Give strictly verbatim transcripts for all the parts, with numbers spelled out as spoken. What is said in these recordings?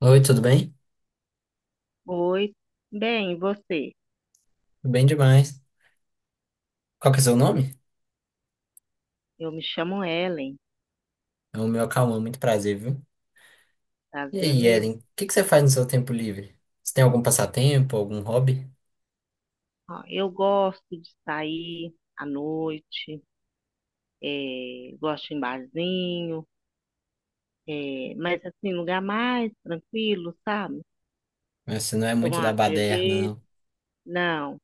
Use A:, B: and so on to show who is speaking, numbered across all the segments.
A: Oi, tudo bem?
B: Oi, bem, e você?
A: Tudo bem demais. Qual que é o seu nome?
B: Eu me chamo Ellen,
A: É o meu Cauã, muito prazer, viu? E
B: prazer é
A: aí,
B: meu.
A: Ellen, o que que você faz no seu tempo livre? Você tem algum passatempo, algum hobby?
B: Ó, eu gosto de sair à noite, eh, gosto de ir em barzinho, eh, mas assim, lugar mais tranquilo, sabe?
A: Mas você não é muito
B: Tomar
A: da
B: uma
A: baderna,
B: cerveja,
A: não.
B: não.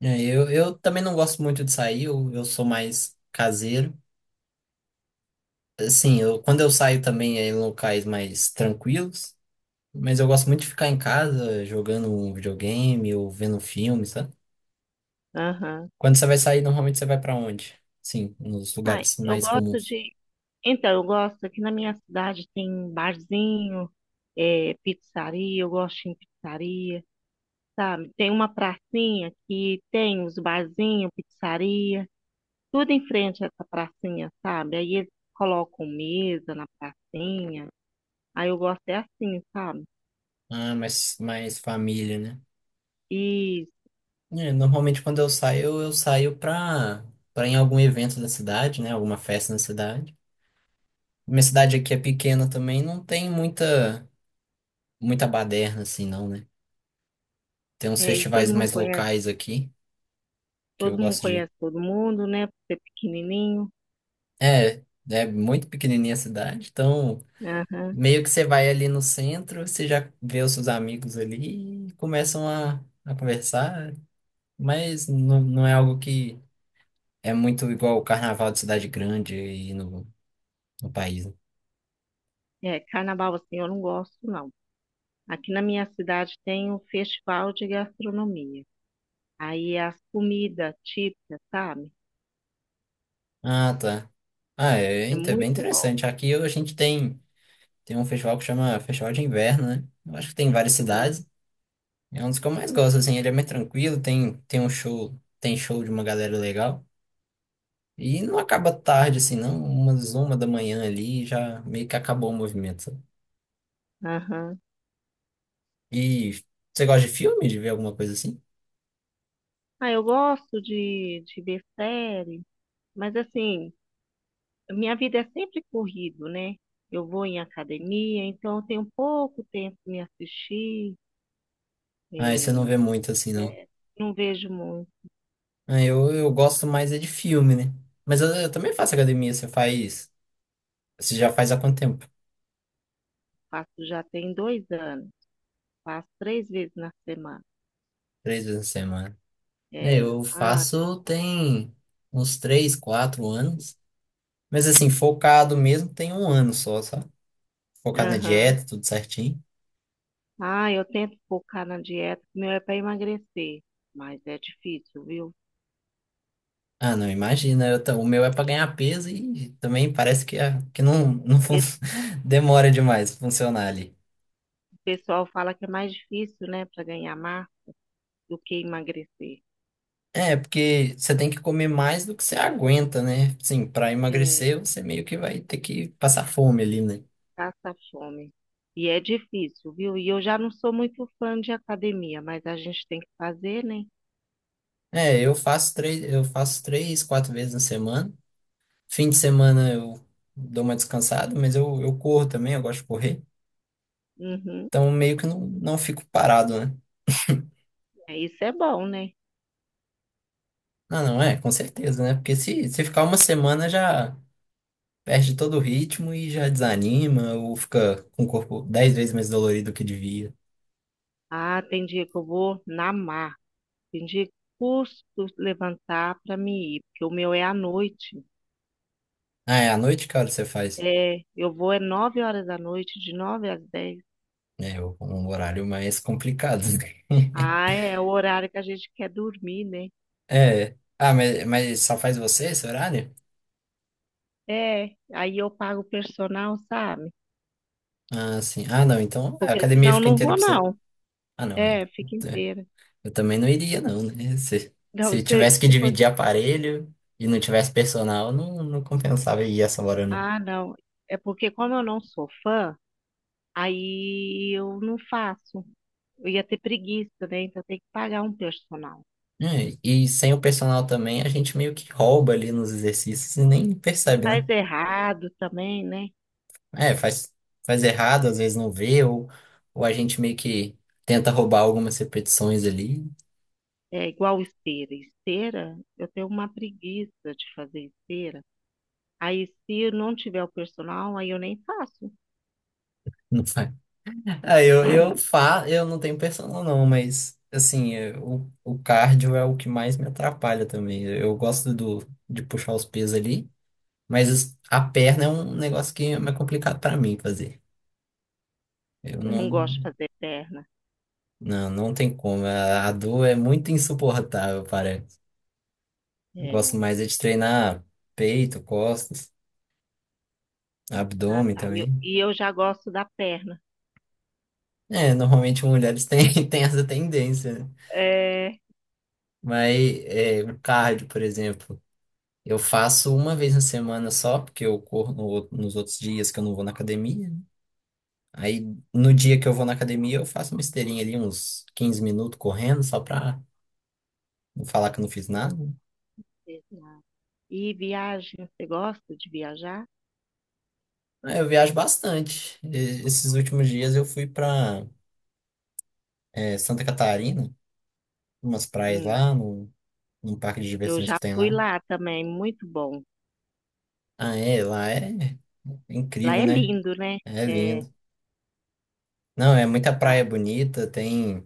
A: É, Eu, eu também não gosto muito de sair, eu, eu sou mais caseiro. Assim, eu, quando eu saio também é em locais mais tranquilos, mas eu gosto muito de ficar em casa jogando um videogame ou vendo um filme, sabe?
B: Aham.
A: Quando você vai sair, normalmente você vai pra onde? Sim, nos
B: Ai,
A: lugares
B: eu
A: mais
B: gosto
A: comuns.
B: de. Então, eu gosto, aqui na minha cidade tem barzinho, eh, pizzaria, eu gosto de ir em pizzaria, sabe? Tem uma pracinha que tem os barzinhos, pizzaria, tudo em frente a essa pracinha, sabe? Aí eles colocam mesa na pracinha. Aí eu gosto é assim, sabe?
A: Ah, mais, mais família, né?
B: E,
A: É, normalmente quando eu saio, eu saio pra, pra, em algum evento da cidade, né? Alguma festa na cidade. Minha cidade aqui é pequena também, não tem muita, muita baderna assim, não, né? Tem uns
B: é, e todo
A: festivais
B: mundo
A: mais
B: conhece,
A: locais aqui, que eu
B: todo mundo
A: gosto de ir.
B: conhece todo mundo, né? Por ser pequenininho.
A: É, é muito pequenininha a cidade, então
B: Aham.
A: meio que você vai ali no centro, você já vê os seus amigos ali e começam a, a conversar, mas não, não é algo que é muito igual o carnaval de cidade grande e no, no país, né?
B: É, carnaval assim eu não gosto, não. Aqui na minha cidade tem um festival de gastronomia. Aí as comidas típicas, sabe?
A: Ah, tá. Ah, é,
B: É
A: inte- bem
B: muito bom.
A: interessante. Aqui a gente tem, tem, um festival que chama Festival de Inverno, né? Eu acho que tem em várias
B: Ah,
A: cidades. É um dos que eu mais gosto, assim. Ele é mais tranquilo, tem, tem um show, tem show de uma galera legal. E não acaba tarde, assim, não. Umas uma da manhã ali já meio que acabou o movimento, sabe?
B: aham.
A: E você gosta de filme, de ver alguma coisa assim?
B: Ah, eu gosto de, de ver série, mas assim, minha vida é sempre corrido, né? Eu vou em academia, então eu tenho pouco tempo para me assistir.
A: Ah, esse você não
B: É,
A: vê muito, assim, não.
B: é, não vejo muito,
A: Ah, Eu, eu gosto mais é de filme, né? Mas eu, eu também faço academia. Você faz. Você já faz há quanto tempo?
B: faço já tem dois anos, faço três vezes na semana.
A: Três vezes na semana. É,
B: É,
A: eu
B: ah,
A: faço tem uns três, quatro anos. Mas assim, focado mesmo tem um ano só, sabe? Focado na
B: aham.
A: dieta, tudo certinho.
B: Ah, eu tento focar na dieta, que meu é para emagrecer, mas é difícil, viu?
A: Ah, não, imagina. Eu ta- o meu é pra ganhar peso e também parece que, a- que não, não fun-
B: Esse
A: demora demais pra funcionar ali.
B: pessoal fala que é mais difícil, né, para ganhar massa do que emagrecer.
A: É, porque você tem que comer mais do que você aguenta, né? Sim, para
B: É.
A: emagrecer você meio que vai ter que passar fome ali, né?
B: Passa fome. E é difícil, viu? E eu já não sou muito fã de academia, mas a gente tem que fazer, né?
A: É, eu faço três, eu faço três, quatro vezes na semana. Fim de semana eu dou uma descansada, mas eu, eu corro também, eu gosto de correr.
B: Uhum.
A: Então meio que não, não fico parado, né?
B: É, isso é bom, né?
A: Ah, não, é, com certeza, né? Porque se, se ficar uma semana já perde todo o ritmo e já desanima ou fica com o corpo dez vezes mais dolorido do que devia.
B: Ah, tem dia que eu vou na mar, tem dia que custo levantar para me ir, porque o meu é à noite.
A: Ah, é, à noite, cara, você faz.
B: É, eu vou é nove horas da noite, de nove às dez.
A: É o- um horário mais complicado.
B: Ah, é o horário que a gente quer dormir, né?
A: É. Ah, mas, mas só faz você esse horário?
B: É, aí eu pago o personal, sabe?
A: Ah, sim. Ah, não. Então a
B: Porque
A: academia
B: senão eu
A: fica
B: não
A: inteira
B: vou,
A: pra você.
B: não.
A: Ah, não. É,
B: É, fica
A: é,
B: inteira.
A: eu também não iria, não, né? Se,
B: Não,
A: se
B: se,
A: tivesse que
B: se fosse.
A: dividir aparelho e não tivesse personal, não, não compensava ir essa hora, não.
B: Ah, não. É porque como eu não sou fã, aí eu não faço. Eu ia ter preguiça, né? Então tem que pagar um personal.
A: É, e sem o personal também, a gente meio que rouba ali nos exercícios e nem
B: E
A: percebe,
B: faz
A: né?
B: errado também, né?
A: É, faz, faz errado, às vezes não vê, ou, ou a gente meio que tenta roubar algumas repetições ali.
B: É igual esteira. Esteira, eu tenho uma preguiça de fazer esteira. Aí se eu não tiver o personal, aí eu nem faço.
A: Não faz. Ah, eu, eu, fa... eu não tenho personal, não, mas assim, eu- o, o cardio é o que mais me atrapalha também. Eu gosto do, de puxar os pesos ali, mas os- a perna é um negócio que é mais complicado pra mim fazer. Eu
B: Eu não gosto de
A: não.
B: fazer perna.
A: Não, não tem como. A, a dor é muito insuportável, parece. Eu gosto
B: É.
A: mais é de treinar peito, costas,
B: Ah,
A: abdômen
B: tá. E eu,
A: também.
B: e eu já gosto da perna.
A: É, normalmente mulheres têm, têm essa tendência, né?
B: É.
A: Mas é, o cardio, por exemplo. Eu faço uma vez na semana só, porque eu corro no outro- nos outros dias que eu não vou na academia, né? Aí, no dia que eu vou na academia, eu faço uma esteirinha ali, uns quinze minutos correndo, só pra não falar que eu não fiz nada.
B: Exato. E viagem, você gosta de viajar?
A: Aí eu viajo bastante. E- esses últimos dias eu fui pra, eh, Santa Catarina, umas praias
B: Hum.
A: lá, no, num parque de
B: Eu
A: diversões que
B: já
A: tem
B: fui
A: lá.
B: lá também, muito bom.
A: Ah, é, lá é, é
B: Lá
A: incrível,
B: é
A: né?
B: lindo, né?
A: É
B: É,
A: lindo. Não, é muita
B: a-
A: praia bonita, tem...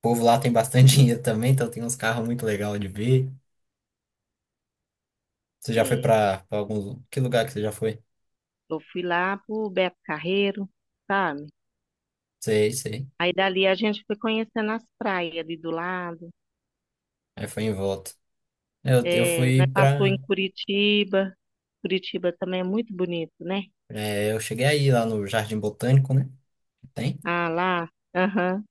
A: O povo lá tem bastante dinheiro também, então tem uns carros muito legais de ver. Você já foi
B: é,
A: pra, pra algum. Que lugar que você já foi?
B: eu fui lá pro Beto Carreiro, sabe?
A: Sei, sei.
B: Aí dali a gente foi conhecendo as praias ali do lado.
A: Aí foi em volta. Eu, eu
B: É, né,
A: fui
B: passou em
A: pra.
B: Curitiba. Curitiba também é muito bonito, né?
A: É, eu cheguei aí lá no Jardim Botânico, né? Que tem.
B: Ah, lá, aham,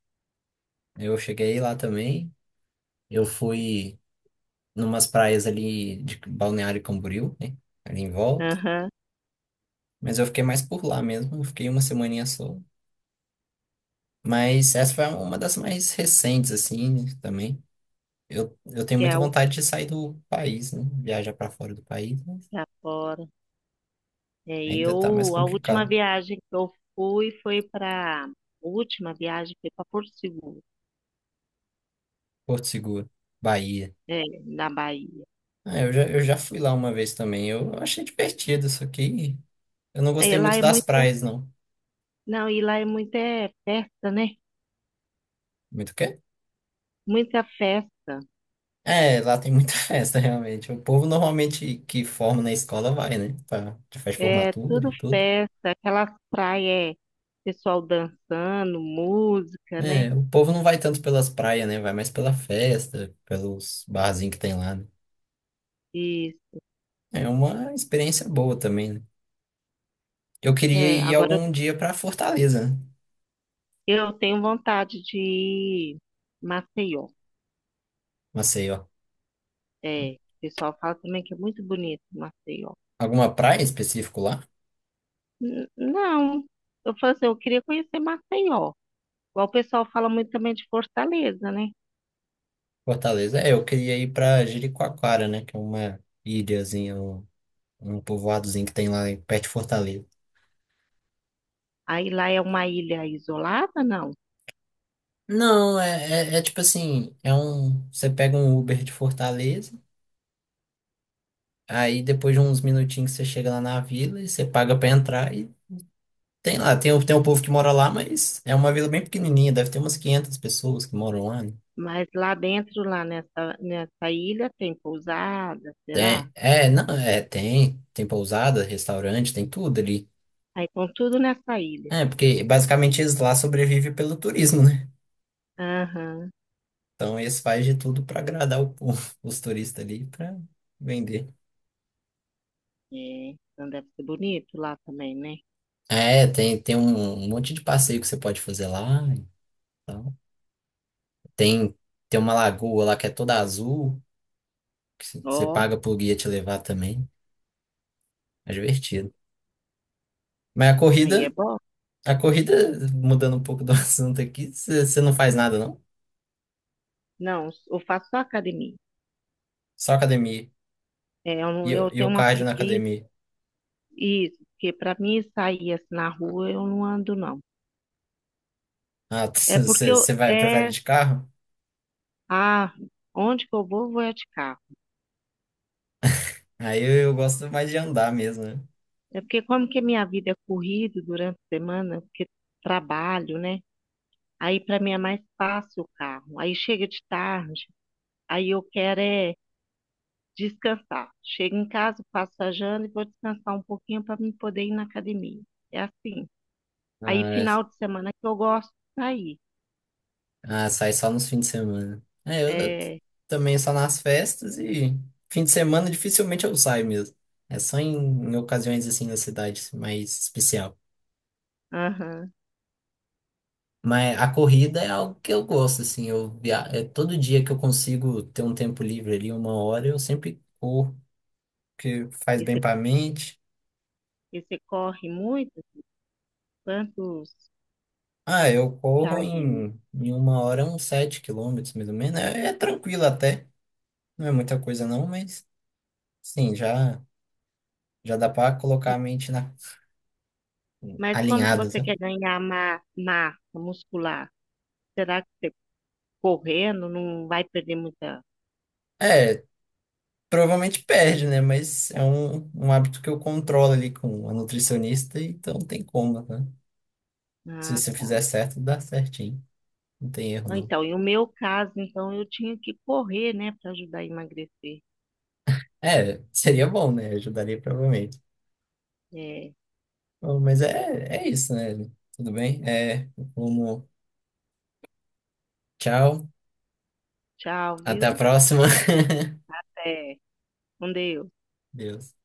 A: Eu cheguei lá também. Eu fui numas praias ali de Balneário Camboriú, né? Ali em volta.
B: aham,
A: Mas eu fiquei mais por lá mesmo. Eu fiquei uma semaninha só. Mas essa foi uma das mais recentes, assim, também. Eu, eu tenho
B: que
A: muita
B: é, o-
A: vontade de sair do país, né? Viajar pra fora do país, mas
B: que é fora. É,
A: ainda tá mais
B: eu, a última
A: complicado.
B: viagem que eu fui foi para, a última viagem foi para Porto Seguro,
A: Porto Seguro, Bahia.
B: é, na Bahia.
A: Ah, eu já, eu já fui lá uma vez também. Eu achei divertido, só que eu não
B: É,
A: gostei
B: lá
A: muito
B: é
A: das
B: muito.
A: praias, não.
B: Não, e lá é muita, é, festa, né?
A: Muito o quê?
B: Muita festa.
A: É, lá tem muita festa, realmente. O povo normalmente que forma na escola vai, né? Pra, de festa de
B: É
A: formatura
B: tudo
A: e tudo.
B: festa, aquelas praias, pessoal dançando, música, né?
A: É, o povo não vai tanto pelas praias, né? Vai mais pela festa, pelos barzinhos que tem lá, né?
B: E
A: É uma experiência boa também, né? Eu queria
B: é,
A: ir
B: agora
A: algum dia pra Fortaleza, né?
B: eu tenho vontade de ir em Maceió.
A: Maceió.
B: É, o pessoal fala também que é muito bonito Maceió.
A: Alguma praia em específico lá?
B: N- não, eu falo assim, eu queria conhecer Maceió. Igual o pessoal fala muito também de Fortaleza, né?
A: Fortaleza. É, eu queria ir pra Jericoacoara, né? Que é uma ilhazinha, um, um povoadozinho que tem lá em- perto de Fortaleza.
B: Aí lá é uma ilha isolada, não?
A: Não, é, é, é tipo assim, é um. Você pega um Uber de Fortaleza, aí depois de uns minutinhos você chega lá na vila e você paga pra entrar e tem lá, tem, o- tem um povo que mora lá, mas é uma vila bem pequenininha, deve ter umas quinhentas pessoas que moram lá, né?
B: Mas lá dentro, lá nessa, nessa ilha, tem pousada, será?
A: Tem, é, não, é, tem, tem pousada, restaurante, tem tudo ali.
B: Aí com tudo nessa ilha.
A: É, porque basicamente eles lá sobrevivem pelo turismo, né?
B: Aham,
A: Então eles fazem de tudo para agradar o povo, os turistas ali, para vender.
B: é. Então deve ser bonito lá também, né?
A: É, tem, tem um um monte de passeio que você pode fazer lá. Então. Tem, tem uma lagoa lá que é toda azul, que c- você
B: Ó,
A: paga pro guia te levar também. É divertido. Mas a
B: aí é
A: corrida,
B: bom.
A: a corrida, mudando um pouco do assunto aqui, você você não faz nada, não?
B: Não, eu faço só academia.
A: Só academia.
B: É, eu, não-
A: E, o-
B: eu
A: e
B: tenho
A: o
B: uma
A: cardio na
B: preguiça,
A: academia.
B: isso, porque para mim sair assim na rua, eu não ando, não.
A: Ah,
B: É porque
A: você
B: eu,
A: você vai, prefere
B: é,
A: de carro?
B: ah, onde que eu vou, vou é de carro.
A: Aí eu, eu gosto mais de andar mesmo,
B: É porque como que a minha vida é corrida durante a semana, porque trabalho, né? Aí para mim é mais fácil o carro. Aí chega de tarde, aí eu quero é descansar. Chego em casa, faço a janta e vou descansar um pouquinho para me poder ir na academia. É assim. Aí
A: né?
B: final de semana que eu gosto de sair.
A: Ah, sai só nos fins de semana. É, eu eu
B: É,
A: também só nas festas e fim de semana dificilmente eu saio mesmo. É só em, em ocasiões assim na cidade assim, mais especial.
B: aham.
A: Mas a corrida é algo que eu gosto, assim, eu via... é todo dia que eu consigo ter um tempo livre ali, uma hora, eu sempre corro, porque faz
B: E você
A: bem para a mente.
B: e você corre muito? Quantos
A: Ah, eu corro
B: quilômetros?
A: em, em uma hora uns sete quilômetros, mais ou menos. É, é tranquilo até, não é muita coisa não, mas sim, já, já dá para colocar a mente na
B: Mas como que
A: alinhadas,
B: você
A: né?
B: quer ganhar ma- massa muscular? Será que você correndo não vai perder muita?
A: É, provavelmente perde, né? Mas é um, um hábito que eu controlo ali com a nutricionista, então não tem como, né? Se você fizer
B: Ah,
A: certo, dá certinho. Não tem erro,
B: ah,
A: não.
B: então, e o meu caso, então, eu tinha que correr, né, para ajudar a emagrecer.
A: É, seria bom, né? Ajudaria provavelmente.
B: É,
A: Bom, mas é, é isso, né? Tudo bem? É, como, tchau,
B: tchau,
A: até a
B: viu?
A: próxima.
B: É, com Deus.
A: Deus.